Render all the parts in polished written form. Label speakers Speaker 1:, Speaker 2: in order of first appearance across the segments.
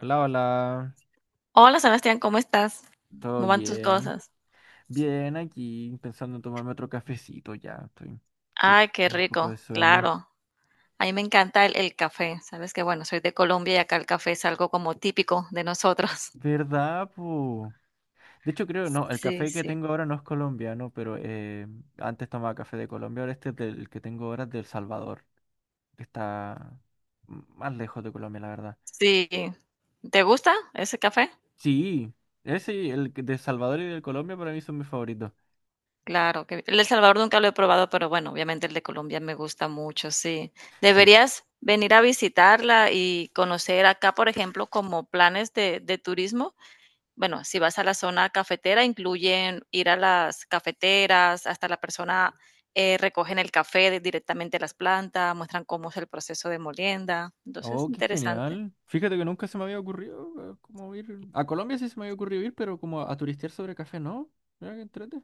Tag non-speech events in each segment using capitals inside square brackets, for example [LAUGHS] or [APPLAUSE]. Speaker 1: Hola, hola.
Speaker 2: Hola Sebastián, ¿cómo estás?
Speaker 1: ¿Todo
Speaker 2: ¿Cómo van tus
Speaker 1: bien?
Speaker 2: cosas?
Speaker 1: Bien, aquí pensando en tomarme otro cafecito ya. Estoy
Speaker 2: Ay, qué
Speaker 1: con un poco de
Speaker 2: rico,
Speaker 1: sueño.
Speaker 2: claro. A mí me encanta el café. Sabes que, bueno, soy de Colombia y acá el café es algo como típico de nosotros. [LAUGHS]
Speaker 1: ¿Verdad, po? De hecho, creo, no, el
Speaker 2: Sí,
Speaker 1: café que
Speaker 2: sí.
Speaker 1: tengo ahora no es colombiano, pero antes tomaba café de Colombia, ahora este es del que tengo ahora es de El Salvador, que está más lejos de Colombia, la verdad.
Speaker 2: Sí. ¿Te gusta ese café?
Speaker 1: Sí, ese, y de Salvador y del Colombia para mí son mis favoritos.
Speaker 2: Claro, que el de El Salvador nunca lo he probado, pero bueno, obviamente el de Colombia me gusta mucho, sí.
Speaker 1: Sí,
Speaker 2: Deberías venir a visitarla y conocer acá, por ejemplo, como planes de turismo. Bueno, si vas a la zona cafetera, incluyen ir a las cafeteras, hasta la persona recogen el café de- directamente de las plantas, muestran cómo es el proceso de molienda. Entonces,
Speaker 1: oh, qué
Speaker 2: interesante.
Speaker 1: genial. Fíjate que nunca se me había ocurrido como ir. A Colombia sí se me había ocurrido ir, pero como a turistear sobre café, ¿no? Mira que entrete.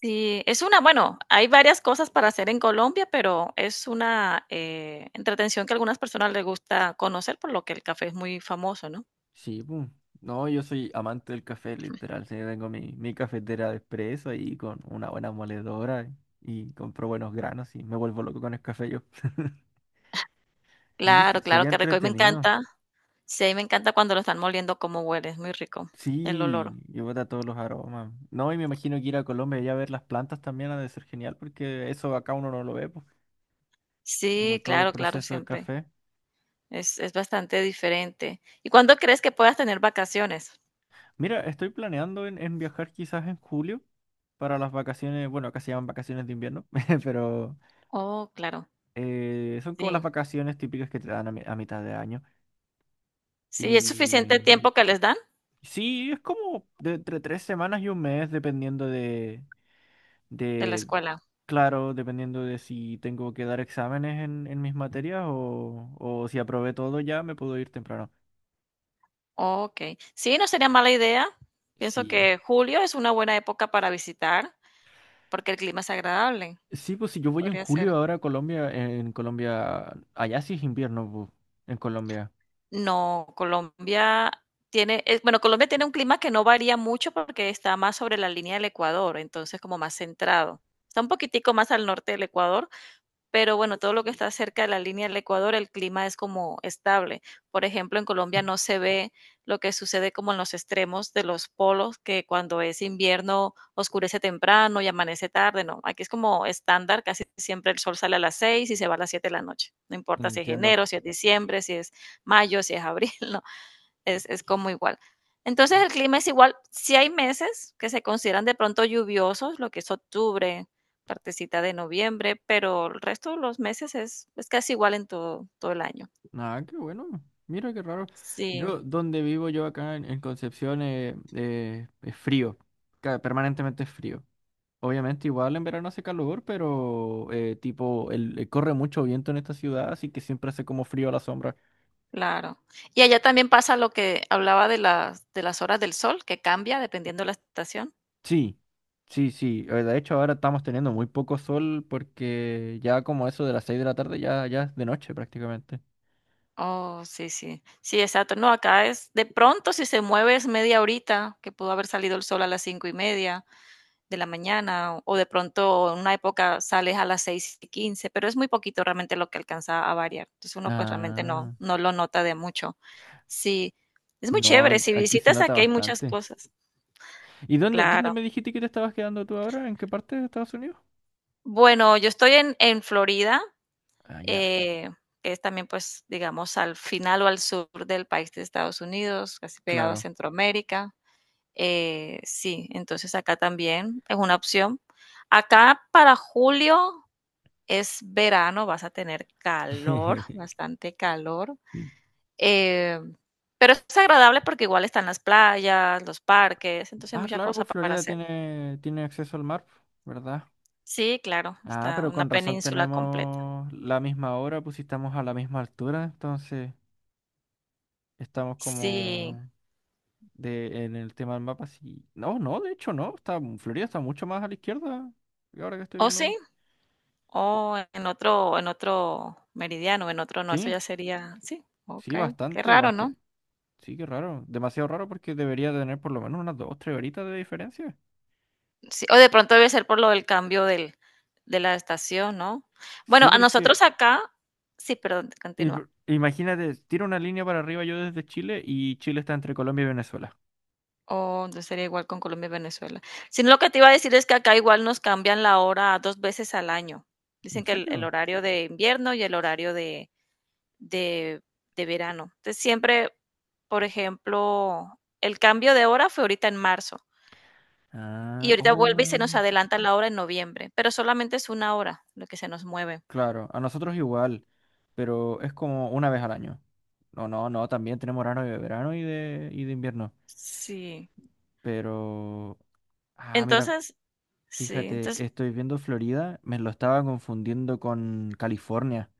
Speaker 2: Sí, es una, bueno, hay varias cosas para hacer en Colombia, pero es una entretención que a algunas personas les gusta conocer, por lo que el café es muy famoso, ¿no?
Speaker 1: Sí, pues. No, yo soy amante del café, literal. Sí, tengo mi cafetera de espresso ahí con una buena moledora y compro buenos granos y me vuelvo loco con el café yo. [LAUGHS] Y
Speaker 2: Claro, claro,
Speaker 1: sería
Speaker 2: que rico. Y me
Speaker 1: entretenido.
Speaker 2: encanta, sí, y me encanta cuando lo están moliendo, cómo huele, es muy rico el olor.
Speaker 1: Sí, y bota todos los aromas. No, y me imagino que ir a Colombia y a ver las plantas también ha de ser genial, porque eso acá uno no lo ve, pues, como
Speaker 2: Sí,
Speaker 1: todo el
Speaker 2: claro, claro,
Speaker 1: proceso de
Speaker 2: siempre.
Speaker 1: café.
Speaker 2: Es bastante diferente. ¿Y cuándo crees que puedas tener vacaciones?
Speaker 1: Mira, estoy planeando en viajar quizás en julio para las vacaciones, bueno, acá se llaman vacaciones de invierno, [LAUGHS] pero
Speaker 2: Oh, claro,
Speaker 1: son como las
Speaker 2: sí.
Speaker 1: vacaciones típicas que te dan a mitad de año.
Speaker 2: Sí, ¿es suficiente
Speaker 1: Y
Speaker 2: el tiempo que les dan
Speaker 1: sí, es como de entre 3 semanas y un mes, dependiendo
Speaker 2: de la
Speaker 1: de,
Speaker 2: escuela?
Speaker 1: claro, dependiendo de si tengo que dar exámenes en mis materias o si aprobé todo ya, me puedo ir temprano.
Speaker 2: Okey. Sí, no sería mala idea. Pienso
Speaker 1: Sí.
Speaker 2: que julio es una buena época para visitar, porque el clima es agradable.
Speaker 1: Sí, pues si yo voy en
Speaker 2: Podría ser.
Speaker 1: julio ahora a Colombia, en Colombia, allá sí es invierno, en Colombia.
Speaker 2: No, Colombia tiene, bueno, Colombia tiene un clima que no varía mucho porque está más sobre la línea del Ecuador, entonces como más centrado. Está un poquitico más al norte del Ecuador, pero bueno, todo lo que está cerca de la línea del Ecuador, el clima es como estable. Por ejemplo, en Colombia no se ve lo que sucede como en los extremos de los polos, que cuando es invierno oscurece temprano y amanece tarde, no. Aquí es como estándar, casi siempre el sol sale a las 6 y se va a las 7 de la noche. No importa si es
Speaker 1: Entiendo.
Speaker 2: enero, si es diciembre, si es mayo, si es abril, [LAUGHS] no es, es como igual. Entonces
Speaker 1: Eh,
Speaker 2: el clima es igual. Si hay meses que se consideran de pronto lluviosos, lo que es octubre, partecita de noviembre, pero el resto de los meses es casi igual en todo, todo el año.
Speaker 1: Nada, qué bueno. Mira qué raro.
Speaker 2: Sí,
Speaker 1: Yo, donde vivo yo acá en Concepción, es frío. Permanentemente es frío. Obviamente igual en verano hace calor, pero tipo, corre mucho viento en esta ciudad, así que siempre hace como frío a la sombra.
Speaker 2: claro. Y allá también pasa lo que hablaba de las horas del sol, que cambia dependiendo de la estación.
Speaker 1: Sí, sí, sí. De hecho, ahora estamos teniendo muy poco sol porque ya como eso de las 6 de la tarde ya es de noche prácticamente.
Speaker 2: Oh, sí, sí. Sí, exacto. No, acá es de pronto si se mueve es media horita, que pudo haber salido el sol a las cinco y media de la mañana, o de pronto en una época sales a las 6 y 15, pero es muy poquito realmente lo que alcanza a variar. Entonces uno pues realmente no,
Speaker 1: Ah,
Speaker 2: no lo nota de mucho. Sí, es muy
Speaker 1: no,
Speaker 2: chévere. Si
Speaker 1: aquí se
Speaker 2: visitas
Speaker 1: nota
Speaker 2: aquí hay muchas
Speaker 1: bastante.
Speaker 2: cosas.
Speaker 1: ¿Y dónde
Speaker 2: Claro.
Speaker 1: me dijiste que te estabas quedando tú ahora? ¿En qué parte de Estados Unidos?
Speaker 2: Bueno, yo estoy en Florida,
Speaker 1: Ah, ya,
Speaker 2: eh, que es también pues digamos al final o al sur del país de Estados Unidos, casi pegado a
Speaker 1: claro.
Speaker 2: Centroamérica. Sí, entonces acá también es una opción. Acá para julio es verano, vas a tener calor,
Speaker 1: [LAUGHS]
Speaker 2: bastante calor,
Speaker 1: Mm.
Speaker 2: eh, pero es agradable porque igual están las playas, los parques, entonces hay
Speaker 1: Ah,
Speaker 2: mucha
Speaker 1: claro,
Speaker 2: cosa
Speaker 1: pues
Speaker 2: pa- para
Speaker 1: Florida
Speaker 2: hacer.
Speaker 1: tiene acceso al mar, ¿verdad?
Speaker 2: Sí, claro,
Speaker 1: Ah,
Speaker 2: está
Speaker 1: pero
Speaker 2: una
Speaker 1: con razón
Speaker 2: península completa.
Speaker 1: tenemos la misma hora, pues si estamos a la misma altura, entonces estamos
Speaker 2: Sí,
Speaker 1: como de, en el tema del mapa, sí. No, no, de hecho no. Florida está mucho más a la izquierda. Ahora que estoy
Speaker 2: o sí,
Speaker 1: viendo.
Speaker 2: o en otro meridiano, en otro no, eso
Speaker 1: Sí,
Speaker 2: ya sería sí,
Speaker 1: sí,
Speaker 2: okey, qué
Speaker 1: bastante,
Speaker 2: raro, ¿no?
Speaker 1: bastante. Sí, qué raro. Demasiado raro porque debería tener por lo menos unas 2, 3 horitas de diferencia.
Speaker 2: Sí, o de pronto debe ser por lo del cambio del de la estación, ¿no? Bueno,
Speaker 1: Sí,
Speaker 2: a nosotros
Speaker 1: porque
Speaker 2: acá sí, perdón, continúa.
Speaker 1: imagínate, tiro una línea para arriba yo desde Chile y Chile está entre Colombia y Venezuela.
Speaker 2: Oh, entonces sería igual con Colombia y Venezuela. Sino lo que te iba a decir es que acá igual nos cambian la hora dos veces al año.
Speaker 1: ¿En
Speaker 2: Dicen que el
Speaker 1: serio?
Speaker 2: horario de invierno y el horario de, de verano. Entonces siempre, por ejemplo, el cambio de hora fue ahorita en marzo y
Speaker 1: Ah,
Speaker 2: ahorita vuelve y se nos
Speaker 1: oh,
Speaker 2: adelanta la hora en noviembre, pero solamente es una hora lo que se nos mueve.
Speaker 1: claro, a nosotros igual, pero es como una vez al año. No, no, no, también tenemos verano y de verano y de invierno.
Speaker 2: Sí.
Speaker 1: Pero, ah, mira,
Speaker 2: Entonces, sí.
Speaker 1: fíjate,
Speaker 2: Entonces,
Speaker 1: estoy viendo Florida, me lo estaba confundiendo con California.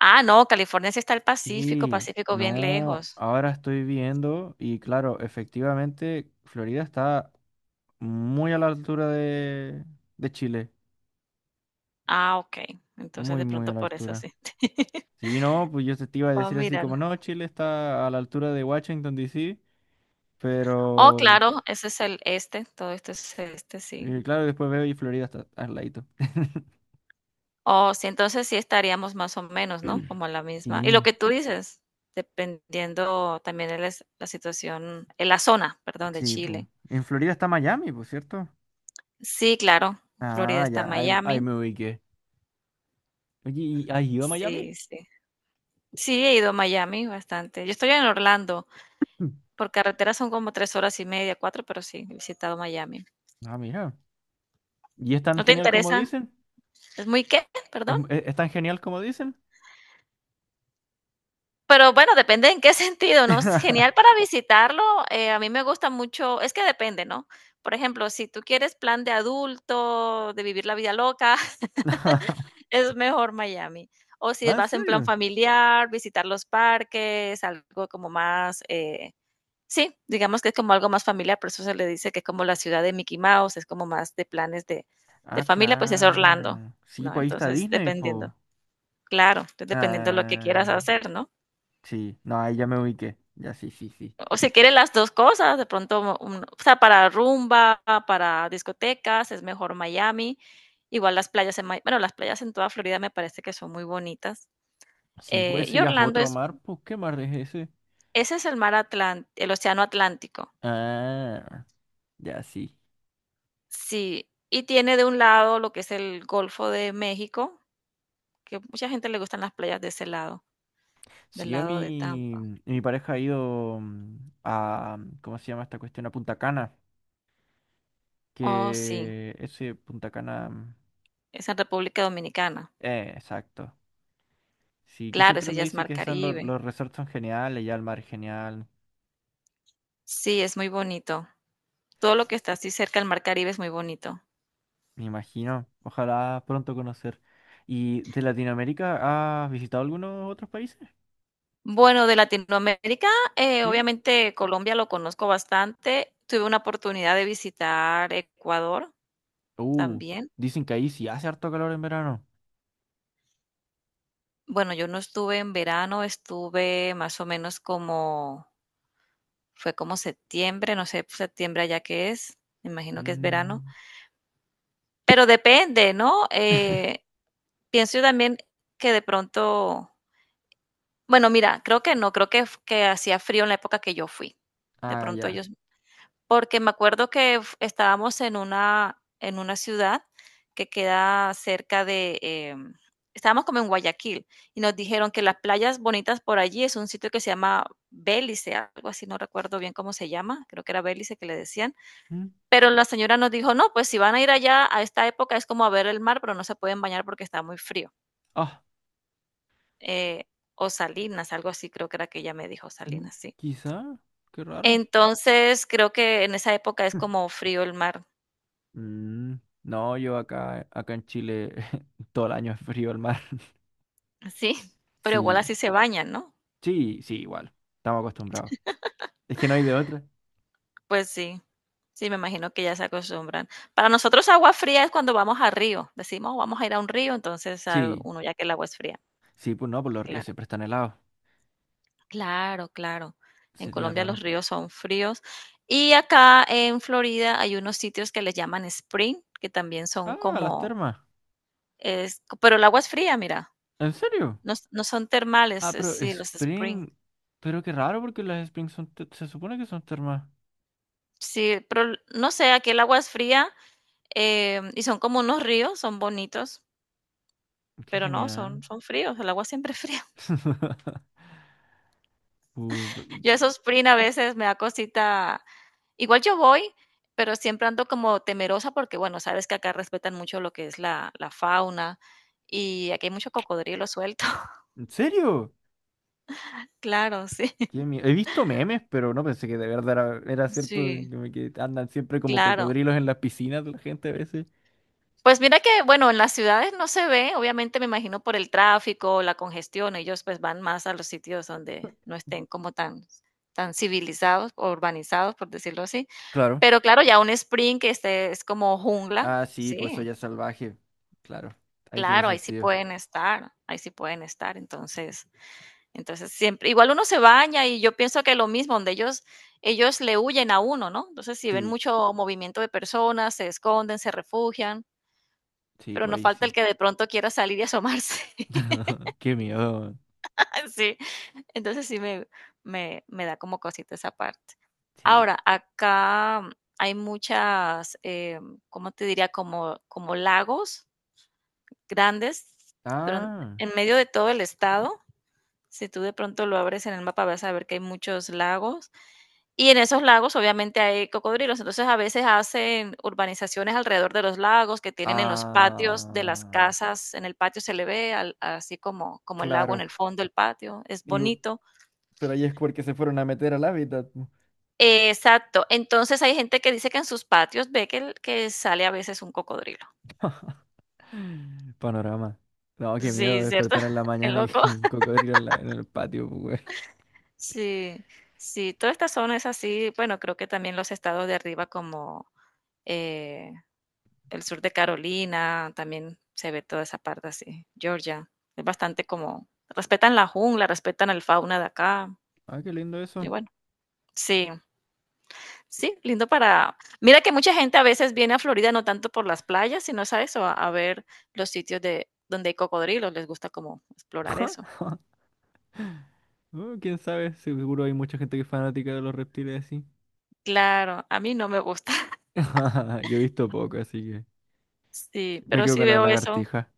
Speaker 2: ah, no, California sí está el Pacífico,
Speaker 1: Sí,
Speaker 2: Pacífico bien
Speaker 1: no,
Speaker 2: lejos.
Speaker 1: ahora estoy viendo y claro, efectivamente, Florida está muy a la altura de Chile,
Speaker 2: Ah, okey. Entonces,
Speaker 1: muy,
Speaker 2: de
Speaker 1: muy
Speaker 2: pronto
Speaker 1: a la
Speaker 2: por eso
Speaker 1: altura.
Speaker 2: sí. [LAUGHS]
Speaker 1: Sí, no, pues yo te iba a
Speaker 2: Voy
Speaker 1: decir así
Speaker 2: mirar.
Speaker 1: como, no, Chile está a la altura de Washington, D.C.
Speaker 2: Oh,
Speaker 1: Pero,
Speaker 2: claro, ese es el este, todo esto es este, sí.
Speaker 1: claro, después veo y Florida está al ladito. [CLEARS THROAT]
Speaker 2: Oh, sí, entonces sí estaríamos más o menos, ¿no?
Speaker 1: [LAUGHS]
Speaker 2: Como la misma y lo
Speaker 1: Sí.
Speaker 2: que tú dices, dependiendo también el es la situación, en la zona, perdón, de
Speaker 1: Sí, pues.
Speaker 2: Chile.
Speaker 1: En Florida está Miami, pues, ¿cierto?
Speaker 2: Sí, claro, Florida
Speaker 1: Ah,
Speaker 2: está
Speaker 1: ya, ahí
Speaker 2: Miami.
Speaker 1: me ubiqué. Oye, ¿y has ido a Miami?
Speaker 2: Sí, sí. Sí, he ido a Miami bastante. Yo estoy en Orlando,
Speaker 1: Mm.
Speaker 2: por carretera son como 3 horas y media, 4, pero sí, he visitado Miami.
Speaker 1: Ah, mira. ¿Y es tan
Speaker 2: ¿No te
Speaker 1: genial como
Speaker 2: interesa?
Speaker 1: dicen?
Speaker 2: ¿Es muy qué? Perdón.
Speaker 1: ¿Es tan genial como dicen?
Speaker 2: Pero bueno, depende en qué [LAUGHS] sentido, ¿no? Es genial
Speaker 1: [LAUGHS]
Speaker 2: para visitarlo, a mí me gusta mucho es que depende, ¿no? Por ejemplo, si tú quieres plan de adulto, de vivir la vida loca, [LAUGHS] es mejor Miami. O si
Speaker 1: Ah, ¿en
Speaker 2: vas en plan
Speaker 1: serio?
Speaker 2: familiar, visitar los parques, algo como más, sí, digamos que es como algo más familiar, por eso se le dice que es como la ciudad de Mickey Mouse, es como más de planes de
Speaker 1: Ah,
Speaker 2: familia, pues es Orlando,
Speaker 1: claro. Sí,
Speaker 2: ¿no?
Speaker 1: pues ahí está
Speaker 2: Entonces,
Speaker 1: Disney,
Speaker 2: dependiendo.
Speaker 1: pues.
Speaker 2: Claro, entonces dependiendo de lo que quieras
Speaker 1: Ah,
Speaker 2: hacer, ¿no?
Speaker 1: sí. No, ahí ya me ubiqué. Ya, sí, sí, sí.
Speaker 2: O si quiere las dos cosas, de pronto, un- o sea, para rumba, para discotecas, es mejor Miami. Igual las playas en, Mi- bueno, las playas en toda Florida me parece que son muy bonitas.
Speaker 1: Sí, pues ese
Speaker 2: Y
Speaker 1: ya es
Speaker 2: Orlando
Speaker 1: otro
Speaker 2: es,
Speaker 1: mar, pues, ¿qué mar es ese?
Speaker 2: ese es el mar Atlántico, el océano Atlántico.
Speaker 1: Ah, ya, sí.
Speaker 2: Sí, y tiene de un lado lo que es el Golfo de México, que mucha gente le gustan las playas de ese lado,
Speaker 1: Si
Speaker 2: del
Speaker 1: yo a
Speaker 2: lado de Tampa.
Speaker 1: mi pareja ha ido ¿cómo se llama esta cuestión? A Punta Cana,
Speaker 2: Oh, sí,
Speaker 1: que ese Punta Cana,
Speaker 2: es en República Dominicana.
Speaker 1: exacto. Sí, que
Speaker 2: Claro,
Speaker 1: siempre
Speaker 2: ese
Speaker 1: me
Speaker 2: ya es
Speaker 1: dice
Speaker 2: Mar
Speaker 1: que son los,
Speaker 2: Caribe.
Speaker 1: los resorts son geniales, ya el mar es genial,
Speaker 2: Sí, es muy bonito. Todo lo que está así cerca del mar Caribe es muy bonito.
Speaker 1: me imagino. Ojalá pronto conocer. ¿Y de Latinoamérica has visitado algunos otros países?
Speaker 2: Bueno, de Latinoamérica,
Speaker 1: Sí.
Speaker 2: obviamente Colombia lo conozco bastante. Tuve una oportunidad de visitar Ecuador
Speaker 1: Uh,
Speaker 2: también.
Speaker 1: Dicen que ahí sí hace harto calor en verano.
Speaker 2: Bueno, yo no estuve en verano, estuve más o menos como, fue como septiembre, no sé, septiembre allá que es, me imagino que es verano,
Speaker 1: Mm,
Speaker 2: pero depende, ¿no? Pienso yo también que de pronto, bueno, mira, creo que no, creo que, f- que hacía frío en la época que yo fui. De
Speaker 1: ah,
Speaker 2: pronto
Speaker 1: ya.
Speaker 2: ellos porque me acuerdo que f- estábamos en una ciudad que queda cerca de, estábamos como en Guayaquil y nos dijeron que las playas bonitas por allí es un sitio que se llama Bélice, algo así, no recuerdo bien cómo se llama, creo que era Bélice que le decían,
Speaker 1: Mm,
Speaker 2: pero la señora nos dijo, no, pues si van a ir allá a esta época es como a ver el mar, pero no se pueden bañar porque está muy frío.
Speaker 1: ah,
Speaker 2: Eh, o Salinas, algo así, creo que era que ella me dijo
Speaker 1: mm,
Speaker 2: Salinas, sí.
Speaker 1: quizá, qué raro.
Speaker 2: Entonces, creo que en esa época es como
Speaker 1: [LAUGHS]
Speaker 2: frío el mar.
Speaker 1: Mm, no, yo acá en Chile [LAUGHS] todo el año es frío el mar. [LAUGHS]
Speaker 2: Sí, pero igual
Speaker 1: Sí,
Speaker 2: así se bañan, ¿no?
Speaker 1: sí, sí, igual. Estamos acostumbrados. Es que no hay de otra.
Speaker 2: Pues sí. Sí, me imagino que ya se acostumbran. Para nosotros agua fría es cuando vamos a río. Decimos, vamos a ir a un río, entonces ah,
Speaker 1: Sí,
Speaker 2: uno ya que el agua es fría.
Speaker 1: sí, pues no, pues los ríos
Speaker 2: Claro,
Speaker 1: siempre están helados.
Speaker 2: claro, claro. En
Speaker 1: Sería
Speaker 2: Colombia
Speaker 1: raro.
Speaker 2: los ríos son fríos. Y acá en Florida hay unos sitios que les llaman spring, que también son
Speaker 1: Ah, las
Speaker 2: como,
Speaker 1: termas.
Speaker 2: es, pero el agua es fría, mira.
Speaker 1: ¿En serio?
Speaker 2: No, s- no son termales,
Speaker 1: Ah,
Speaker 2: es-
Speaker 1: pero
Speaker 2: sí, los spring.
Speaker 1: Spring. Pero qué raro porque las Spring son se supone que son termas.
Speaker 2: Sí, pero l- no sé, aquí el agua es fría. Y son como unos ríos, son bonitos,
Speaker 1: Qué
Speaker 2: pero no,
Speaker 1: genial.
Speaker 2: son, son fríos, el agua siempre es fría.
Speaker 1: [LAUGHS] Uh, pero-
Speaker 2: [LAUGHS] Yo esos spring a veces me da cosita. Igual yo voy, pero siempre ando como temerosa porque, bueno, sabes que acá respetan mucho lo que es la fauna y aquí hay mucho cocodrilo suelto. [LAUGHS]
Speaker 1: ¿En serio?
Speaker 2: Claro, sí, [LAUGHS]
Speaker 1: He visto memes, pero no pensé que de verdad era cierto,
Speaker 2: sí,
Speaker 1: como que andan siempre como
Speaker 2: claro.
Speaker 1: cocodrilos en las piscinas de la gente a veces.
Speaker 2: Pues mira que, bueno, en las ciudades no se ve, obviamente me imagino por el tráfico, la congestión, ellos pues van más a los sitios donde no estén como tan, tan civilizados o urbanizados, por decirlo así.
Speaker 1: Claro.
Speaker 2: Pero claro, ya un sprint que este es como jungla,
Speaker 1: Ah, sí, pues
Speaker 2: sí,
Speaker 1: soy salvaje. Claro, ahí tiene
Speaker 2: claro, ahí sí
Speaker 1: sentido.
Speaker 2: pueden estar, ahí sí pueden estar. Entonces, entonces siempre, igual uno se baña y yo pienso que lo mismo, donde ellos le huyen a uno, ¿no? Entonces, si ven
Speaker 1: Sí,
Speaker 2: mucho movimiento de personas, se esconden, se refugian.
Speaker 1: sí,
Speaker 2: Pero
Speaker 1: pues
Speaker 2: nos
Speaker 1: ahí
Speaker 2: falta el
Speaker 1: sí.
Speaker 2: que de pronto quiera salir y asomarse. [LAUGHS]
Speaker 1: [LAUGHS] Qué miedo.
Speaker 2: Sí, entonces sí me da como cosita esa parte.
Speaker 1: Sí.
Speaker 2: Ahora, acá hay muchas, ¿cómo te diría? Como, como lagos grandes durante,
Speaker 1: Ah.
Speaker 2: en medio de todo el estado. Si tú de pronto lo abres en el mapa, vas a ver que hay muchos lagos. Y en esos lagos, obviamente, hay cocodrilos. Entonces, a veces hacen urbanizaciones alrededor de los lagos que tienen en los patios de las
Speaker 1: Ah.
Speaker 2: casas. En el patio se le ve al- así como, como el lago en
Speaker 1: Claro.
Speaker 2: el fondo del patio. Es
Speaker 1: Digo,
Speaker 2: bonito.
Speaker 1: pero ahí es porque se fueron a meter al hábitat. [GASPS]
Speaker 2: Exacto. Entonces, hay gente que dice que en sus patios ve que, el- que sale a veces un cocodrilo.
Speaker 1: [LAUGHS] Panorama. No, qué miedo
Speaker 2: Sí, ¿cierto?
Speaker 1: despertar en la
Speaker 2: [LAUGHS] Qué
Speaker 1: mañana y [LAUGHS]
Speaker 2: loco.
Speaker 1: que un cocodrilo en en el patio, pues, güey.
Speaker 2: Sí, sí. Toda esta zona es así. Bueno, creo que también los estados de arriba como el sur de Carolina, también se ve toda esa parte así. Georgia, es bastante como, respetan la jungla, respetan el fauna de acá.
Speaker 1: Ah, qué lindo eso.
Speaker 2: Y bueno, sí, sí, lindo para... Mira que mucha gente a veces viene a Florida no tanto por las playas, sino sabes a a ver los sitios de donde hay cocodrilos, les gusta como explorar eso.
Speaker 1: [LAUGHS] Oh, quién sabe, seguro hay mucha gente que es fanática de los reptiles así.
Speaker 2: Claro, a mí no me gusta. [LAUGHS]
Speaker 1: [LAUGHS] Yo he visto poco, así que
Speaker 2: Sí,
Speaker 1: me
Speaker 2: pero
Speaker 1: quedo
Speaker 2: sí
Speaker 1: con la
Speaker 2: veo eso.
Speaker 1: lagartija.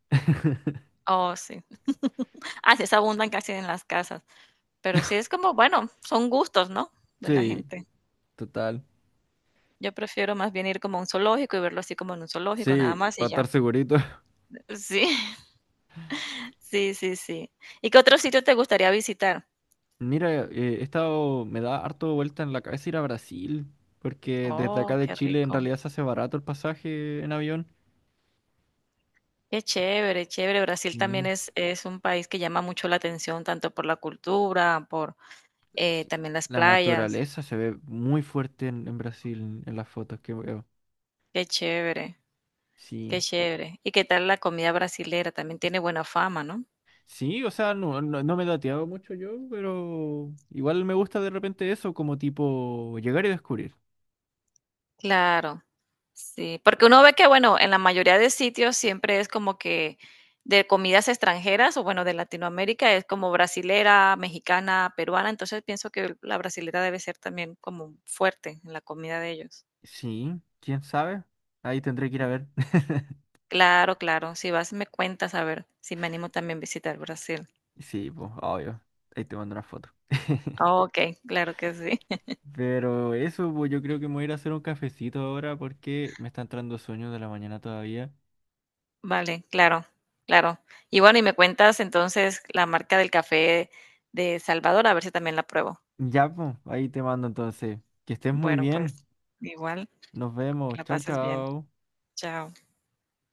Speaker 2: Oh, sí. [LAUGHS] Ah, sí, se abundan casi en las casas. Pero sí es como, bueno, son gustos, ¿no? De la
Speaker 1: Sí,
Speaker 2: gente.
Speaker 1: total.
Speaker 2: Yo prefiero más bien ir como a un zoológico y verlo así como en un zoológico, nada
Speaker 1: Sí,
Speaker 2: más
Speaker 1: para
Speaker 2: y
Speaker 1: estar
Speaker 2: ya.
Speaker 1: segurito. [LAUGHS]
Speaker 2: Sí, [LAUGHS] sí, sí, sí. ¿Y qué otro sitio te gustaría visitar?
Speaker 1: Mira, he estado, me da harto vuelta en la cabeza ir a Brasil, porque desde acá
Speaker 2: Oh,
Speaker 1: de
Speaker 2: qué
Speaker 1: Chile en
Speaker 2: rico.
Speaker 1: realidad se hace barato el pasaje en avión.
Speaker 2: Qué chévere, chévere. Brasil también
Speaker 1: Y
Speaker 2: es un país que llama mucho la atención, tanto por la cultura, por
Speaker 1: sí,
Speaker 2: también las
Speaker 1: la
Speaker 2: playas.
Speaker 1: naturaleza se ve muy fuerte en Brasil, en las fotos que veo.
Speaker 2: Qué chévere, qué
Speaker 1: Sí.
Speaker 2: chévere. ¿Y qué tal la comida brasilera? También tiene buena fama, ¿no?
Speaker 1: Sí, o sea, no, no, no me he dateado mucho yo, pero igual me gusta de repente eso, como tipo llegar y descubrir.
Speaker 2: Claro. Sí, porque uno ve que, bueno, en la mayoría de sitios siempre es como que de comidas extranjeras o bueno, de Latinoamérica es como brasilera, mexicana, peruana, entonces pienso que la brasilera debe ser también como fuerte en la comida de ellos.
Speaker 1: Sí, quién sabe. Ahí tendré que ir a ver. [LAUGHS]
Speaker 2: Claro, claro, si vas me cuentas a ver si me animo también a visitar Brasil.
Speaker 1: Sí, pues, obvio. Ahí te mando una foto. [LAUGHS]
Speaker 2: Oh, ok, claro que sí. [LAUGHS]
Speaker 1: Pero eso, pues yo creo que me voy a ir a hacer un cafecito ahora porque me está entrando sueño de la mañana todavía.
Speaker 2: Vale, claro, claro. Y bueno, y me cuentas entonces la marca del café de Salvador, a ver si también la pruebo.
Speaker 1: Ya, pues, ahí te mando entonces. Que estés muy
Speaker 2: Bueno,
Speaker 1: bien.
Speaker 2: pues igual,
Speaker 1: Nos vemos.
Speaker 2: que la
Speaker 1: Chao,
Speaker 2: pases bien.
Speaker 1: chao.
Speaker 2: Chao.